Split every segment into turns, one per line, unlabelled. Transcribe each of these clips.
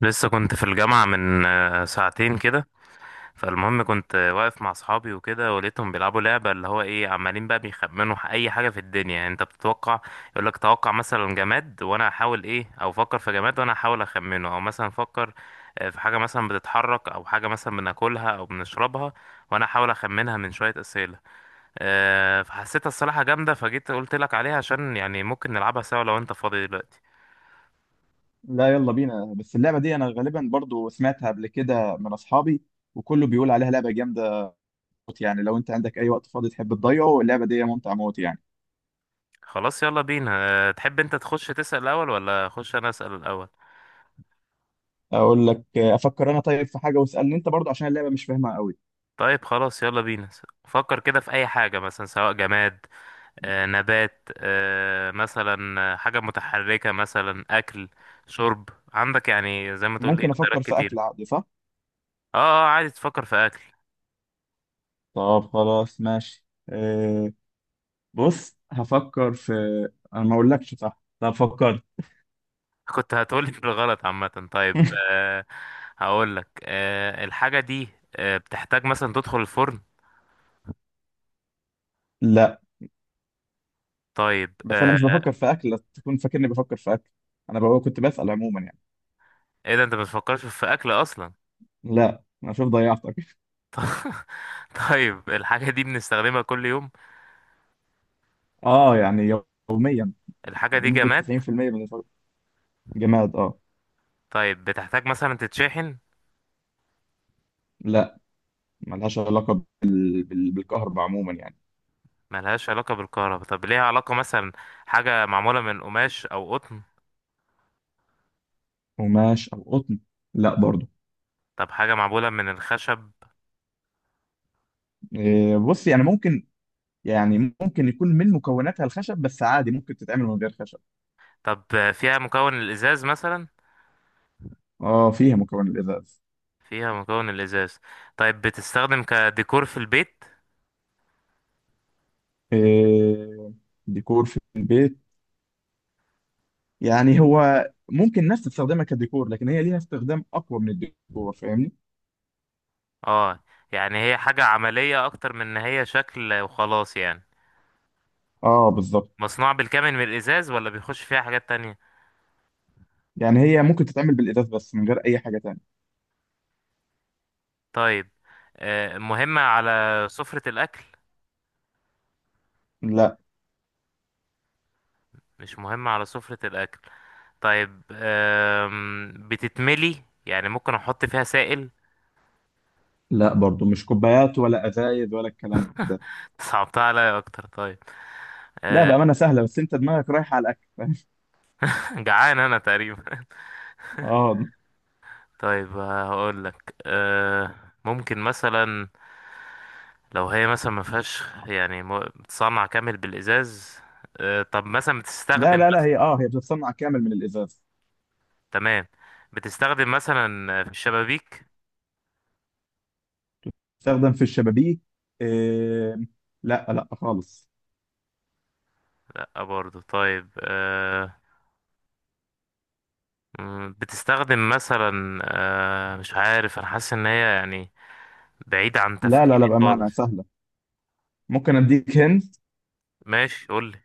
لسه كنت في الجامعة من ساعتين كده. فالمهم كنت واقف مع أصحابي وكده، ولقيتهم بيلعبوا لعبة، اللي هو إيه، عمالين بقى بيخمنوا أي حاجة في الدنيا. يعني أنت بتتوقع، يقولك توقع مثلا جماد وأنا أحاول إيه، أو فكر في جماد وأنا أحاول أخمنه، أو مثلا فكر في حاجة مثلا بتتحرك، أو حاجة مثلا بناكلها أو بنشربها، وأنا أحاول أخمنها من شوية أسئلة. فحسيتها الصراحة جامدة، فجيت قلت لك عليها عشان يعني ممكن نلعبها سوا لو أنت فاضي دلوقتي.
لا، يلا بينا. بس اللعبة دي أنا غالبا برضو سمعتها قبل كده من أصحابي، وكله بيقول عليها لعبة جامدة موت يعني. لو أنت عندك أي وقت فاضي تحب تضيعه، اللعبة دي ممتعة موت يعني.
خلاص، يلا بينا. تحب انت تخش تسأل الاول ولا اخش انا اسأل الاول؟
أقول لك أفكر أنا طيب في حاجة، واسألني أنت برضو عشان اللعبة مش فاهمها قوي.
طيب خلاص، يلا بينا. فكر كده في اي حاجة، مثلا سواء جماد نبات، مثلا حاجة متحركة، مثلا اكل، شرب. عندك يعني زي ما تقول ايه
ممكن أفكر
اختيارات
في
كتير.
أكل عادي صح؟
اه، عادي تفكر في اكل.
طب خلاص ماشي أه. بص هفكر في. أنا ما أقولكش صح. طب فكرت.
كنت هتقولي بالغلط. عامة طيب، هقول لك الحاجة دي بتحتاج مثلا تدخل الفرن؟
لا
طيب
بس أنا مش بفكر في أكل، لا تكون فاكرني بفكر في أكل. أنا بقى كنت بسأل عموما يعني.
ايه ده، انت ما بتفكرش في اكل اصلا؟
لا أنا شوف ضيعتك.
طيب الحاجة دي بنستخدمها كل يوم.
آه يعني يوميا،
الحاجة دي
بنسبة
جماد.
90% بالنسبة. جماد اه.
طيب بتحتاج مثلا تتشحن؟
لا، ملهاش علاقة بالكهرباء عموما يعني.
ملهاش علاقة بالكهرباء. طب ليها علاقة مثلا، حاجة معمولة من قماش أو قطن؟
قماش أو قطن؟ لا برضو.
طب حاجة معمولة من الخشب؟
إيه بص، يعني ممكن، يعني ممكن يكون من مكوناتها الخشب، بس عادي ممكن تتعمل من غير خشب.
طب فيها مكون الإزاز مثلا؟
اه فيها مكون الإزاز.
فيها مكون الإزاز. طيب بتستخدم كديكور في البيت؟
إيه ديكور في البيت؟ يعني هو ممكن الناس تستخدمها كديكور، لكن هي ليها استخدام أقوى من الديكور فاهمني.
اه، يعني هي حاجة عملية أكتر من إن هي شكل وخلاص يعني.
اه بالظبط.
مصنوع بالكامل من الإزاز ولا بيخش فيها حاجات تانية؟
يعني هي ممكن تتعمل بالإزاز بس من غير أي حاجة تانية.
طيب مهمة على سفرة الأكل؟
لا
مش مهم على سفرة الأكل. طيب بتتملي، يعني ممكن أحط فيها سائل؟
لا برضو، مش كوبايات ولا ازايد ولا الكلام ده.
صعبتها عليا أكتر. طيب
لا
أه،
بامانه سهله، بس انت دماغك رايحه على الاكل فاهم؟
جعان أنا تقريبا.
اه.
طيب هقول لك ممكن مثلا، لو هي مثلا ما فيهاش، يعني بتصنع كامل بالإزاز. طب مثلا
لا
بتستخدم.
لا لا، هي بتتصنع كامل من الازاز.
تمام، بتستخدم مثلا في الشبابيك؟
تستخدم في الشبابيك؟ إيه. لا لا خالص.
لا برضو. طيب بتستخدم مثلا مش عارف، أنا حاسس إن هي يعني بعيد عن
لا لا
تفكيري
لا، بامانه
خالص.
سهله. ممكن اديك هند.
ماشي، قولي.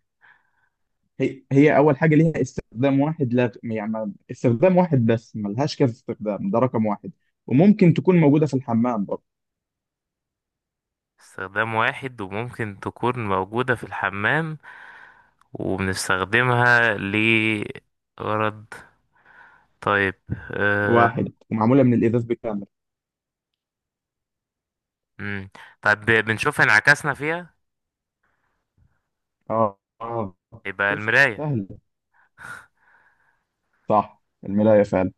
هي اول حاجه ليها استخدام واحد، لا يعني استخدام واحد بس، ملهاش كذا استخدام، ده رقم واحد. وممكن تكون موجوده في الحمام برضه.
استخدام واحد وممكن تكون موجودة في الحمام، وبنستخدمها لغرض. طيب أه...
واحد ومعموله من الازاز بالكامل.
مم. طيب بنشوف انعكاسنا فيها،
اه اه.
يبقى
شفت؟
المراية.
سهله. صح الملايه فعلا.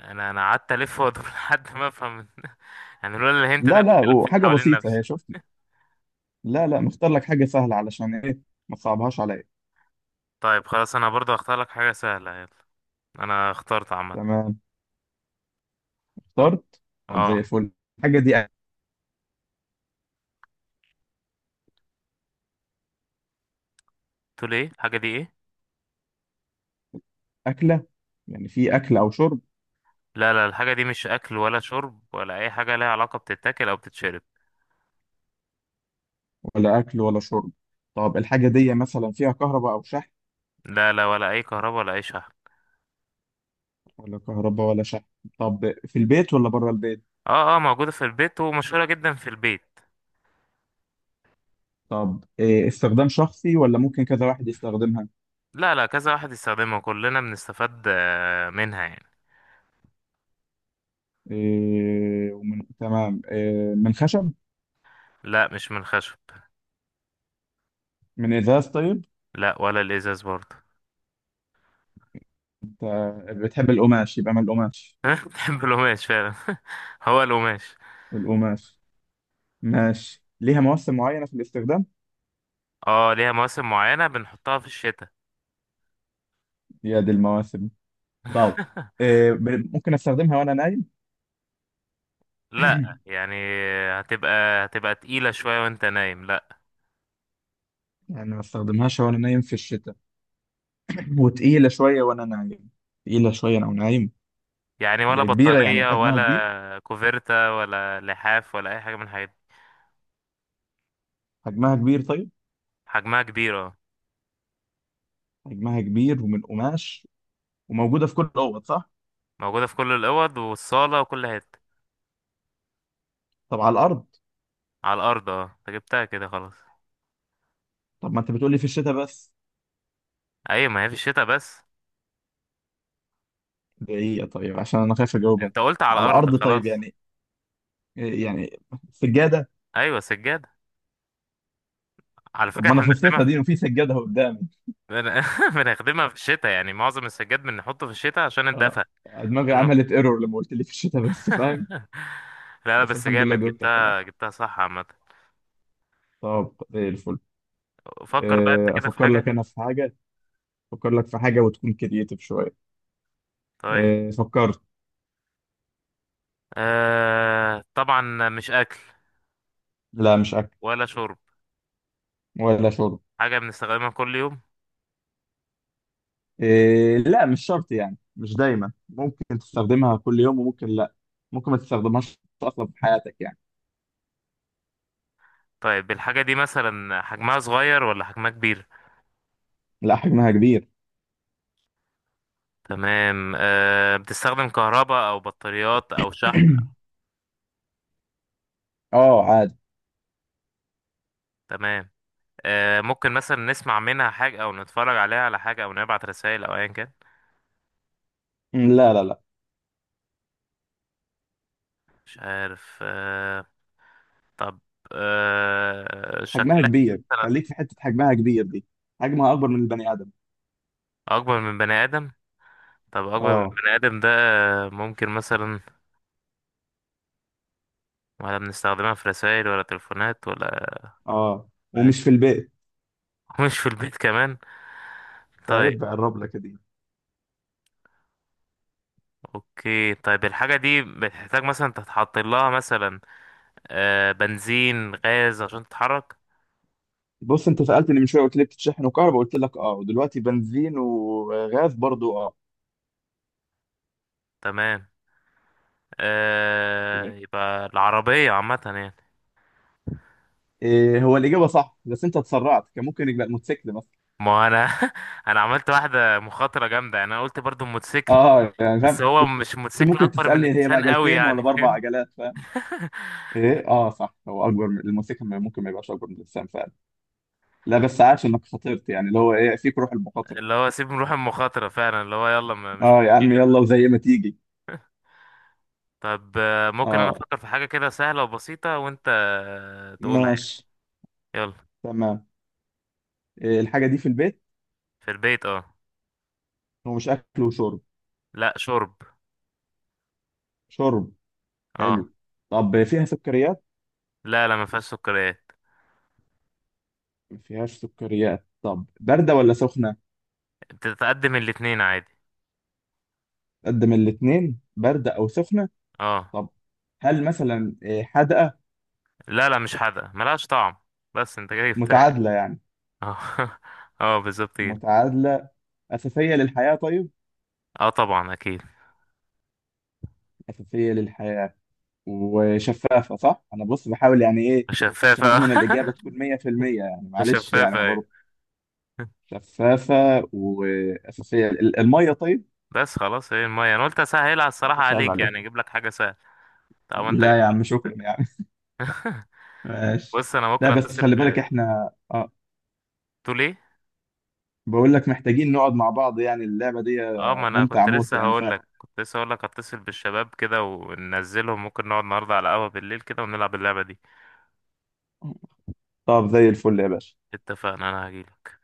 انا قعدت الف وادور لحد ما افهم. يعني لولا الهنت ده
لا
كنت
لا،
لفيت
وحاجة
حوالين
بسيطة
نفسي.
هي شفتي. لا لا، مختار لك حاجة سهلة علشان ايه، ما تصعبهاش عليا.
طيب خلاص، انا برضو هختار لك حاجة سهلة، يلا. انا اخترت عامة.
تمام. اخترت. طب زي
اه،
الفل. الحاجة دي
تقول ايه الحاجة دي ايه؟
أكلة؟ يعني في أكل أو شرب.
لا لا، الحاجة دي مش اكل ولا شرب ولا اي حاجة لها علاقة بتتاكل او بتتشرب.
ولا أكل ولا شرب. طب الحاجة دي مثلا فيها كهرباء أو شحن؟
لا لا، ولا اي كهرباء ولا اي شحن.
ولا كهرباء ولا شحن. طب في البيت ولا بره البيت؟
اه اه، موجودة في البيت ومشهورة جدا في البيت.
طب إيه، استخدام شخصي ولا ممكن كذا واحد يستخدمها؟
لا لا، كذا واحد يستخدمها، كلنا بنستفاد منها يعني.
إيه ومن تمام، إيه من خشب؟
لا مش من الخشب.
من إزاز طيب.
لا ولا الازاز برضه.
انت بتحب القماش، يبقى من القماش.
بحب القماش فعلا. هو القماش.
القماش ماشي. ليها مواسم معينة في الاستخدام.
اه ليها مواسم معينة، بنحطها في الشتاء.
يا دي المواسم. طب ممكن استخدمها وانا نايم؟
لا يعني، هتبقى هتبقى تقيلة شوية وانت نايم، لا.
يعني ما استخدمهاش وانا نايم في الشتاء. وتقيلة شوية وانا نايم. تقيلة شوية انا نايم.
يعني ولا
هي كبيرة، يعني
بطانية
حجمها كبير.
ولا كوفيرتا ولا لحاف ولا اي حاجة من الحاجات دي.
حجمها كبير طيب.
حجمها كبير اه.
حجمها كبير ومن قماش، وموجودة في كل الاوض صح؟
موجودة في كل الأوض والصالة وكل حتة.
طب على الارض.
على الارض اه، انت جبتها كده خلاص.
طب ما انت بتقولي في الشتاء بس.
ايوه، ما هي في الشتاء بس.
دقيقة طيب، عشان انا خايف اجاوبها.
انت قلت على
على
الارض
الارض طيب،
خلاص.
يعني يعني سجادة.
ايوه سجاد. على
طب
فكره
ما انا
احنا
في الصيف
بنخدمها
دي
في...
وفي سجادة قدامي.
بنخدمها في الشتاء، يعني معظم السجاد بنحطه في الشتاء عشان
اه
الدفا.
دماغي
عشان-
عملت ايرور لما قلت لي في الشتاء بس، فاهم.
لا لا،
بس
بس
الحمد لله
جامد،
جاوبت في
جبتها
الاخر.
جبتها صح عامه.
طب زي الفل.
فكر بقى انت كده في
افكر لك
حاجه.
انا في حاجه. افكر لك في حاجه وتكون كرييتيف شويه.
طيب
فكرت.
طبعا مش اكل
لا مش اكل
ولا شرب.
ولا شرب.
حاجه بنستخدمها كل يوم.
لا مش شرط، يعني مش دايما، ممكن تستخدمها كل يوم وممكن لا. ممكن ما تستخدمهاش اصلا في حياتك يعني.
طيب الحاجه دي مثلا حجمها صغير ولا حجمها كبير؟
لا حجمها كبير.
تمام. بتستخدم كهرباء او بطاريات او شحن؟
اه عادي.
تمام. ممكن مثلا نسمع منها حاجة او نتفرج عليها على حاجة او نبعت رسائل او ايا كان.
لا لا لا،
مش عارف طب
حجمها
شكلها
كبير،
مثلا
خليك في حته حجمها كبير دي. حجمها اكبر من البني ادم.
اكبر من بني ادم. طب اكبر من
اه
بني ادم ده، ممكن مثلا، ولا بنستخدمها في رسائل ولا تليفونات ولا
اه. ومش في البيت.
مش في البيت كمان.
ده
طيب
عيب بقى الربلة كده.
اوكي، طيب الحاجة دي بتحتاج مثلا تتحط لها مثلا بنزين غاز عشان تتحرك.
بص انت سألتني من شوية قلت لي بتتشحن وكهرباء قلت لك اه، ودلوقتي بنزين وغاز برضو اه.
تمام. يبقى العربية عامة يعني.
إيه هو الإجابة صح، بس انت اتسرعت، كان ممكن يبقى الموتوسيكل مثلا.
ما انا انا عملت واحدة مخاطرة جامدة يعني، انا قلت برضو الموتوسيكل،
اه يعني فاهم
بس هو
كنت.
مش موتوسيكل،
ممكن
اكبر من
تسألني هي
انسان قوي
بعجلتين ولا
يعني
بأربع
فاهم.
عجلات فاهم. ايه اه صح، هو أكبر من الموتوسيكل، ممكن ما يبقاش أكبر من الإنسان فعلا. لا بس عاش إنك خاطرت، يعني اللي هو ايه فيك روح المخاطرة.
اللي هو سيب نروح المخاطرة فعلا، اللي هو يلا، مش
اه يا عم
مشكلة
يلا،
بقى.
وزي ما تيجي.
طب ممكن انا
اه.
افكر في حاجة كده سهلة وبسيطة، وانت تقولها يعني.
ماشي.
يلا.
تمام. إيه الحاجة دي في البيت؟
في البيت اه.
هو مش أكل وشرب.
لا شرب.
شرب.
اه.
حلو. طب فيها سكريات؟
لا لا، ما فيهاش سكريات.
ما فيهاش سكريات. طب باردة ولا سخنة؟
بتتقدم الاتنين عادي.
قدم الاتنين، باردة أو سخنة.
اه.
طب هل مثلا حدقة؟
لا لا، مش حادقة، ملهاش طعم. بس انت كده جبتها.
متعادلة يعني.
اه اه بالظبط كده.
متعادلة. أساسية للحياة طيب.
اه طبعا اكيد.
أساسية للحياة. وشفافة صح، أنا بص بحاول يعني إيه عشان
شفافة
أضمن الإجابة تكون 100% يعني، معلش يعني
شفافة ايوه.
برضه. شفافة. وأساسية، المية طيب.
بس خلاص، هي المية. انا قلت اسهلها الصراحة
مش عيب
عليك، يعني
عليك.
اجيب لك حاجة سهلة. طب انت جبت
لا يا عم شكرا يعني.
لي
ماشي.
بص انا ممكن
لا بس
اتصل
خلي
ب.
بالك، احنا اه
تقول ايه؟
بقول لك محتاجين نقعد مع بعض يعني. اللعبة دي
اه، ما انا
ممتعة
كنت
موت
لسه
يعني
هقول لك كنت لسه هقول لك اتصل بالشباب كده وننزلهم، ممكن نقعد النهارده على قهوة بالليل كده ونلعب اللعبة دي.
طب زي الفل يا باشا.
اتفقنا، انا هجيلك.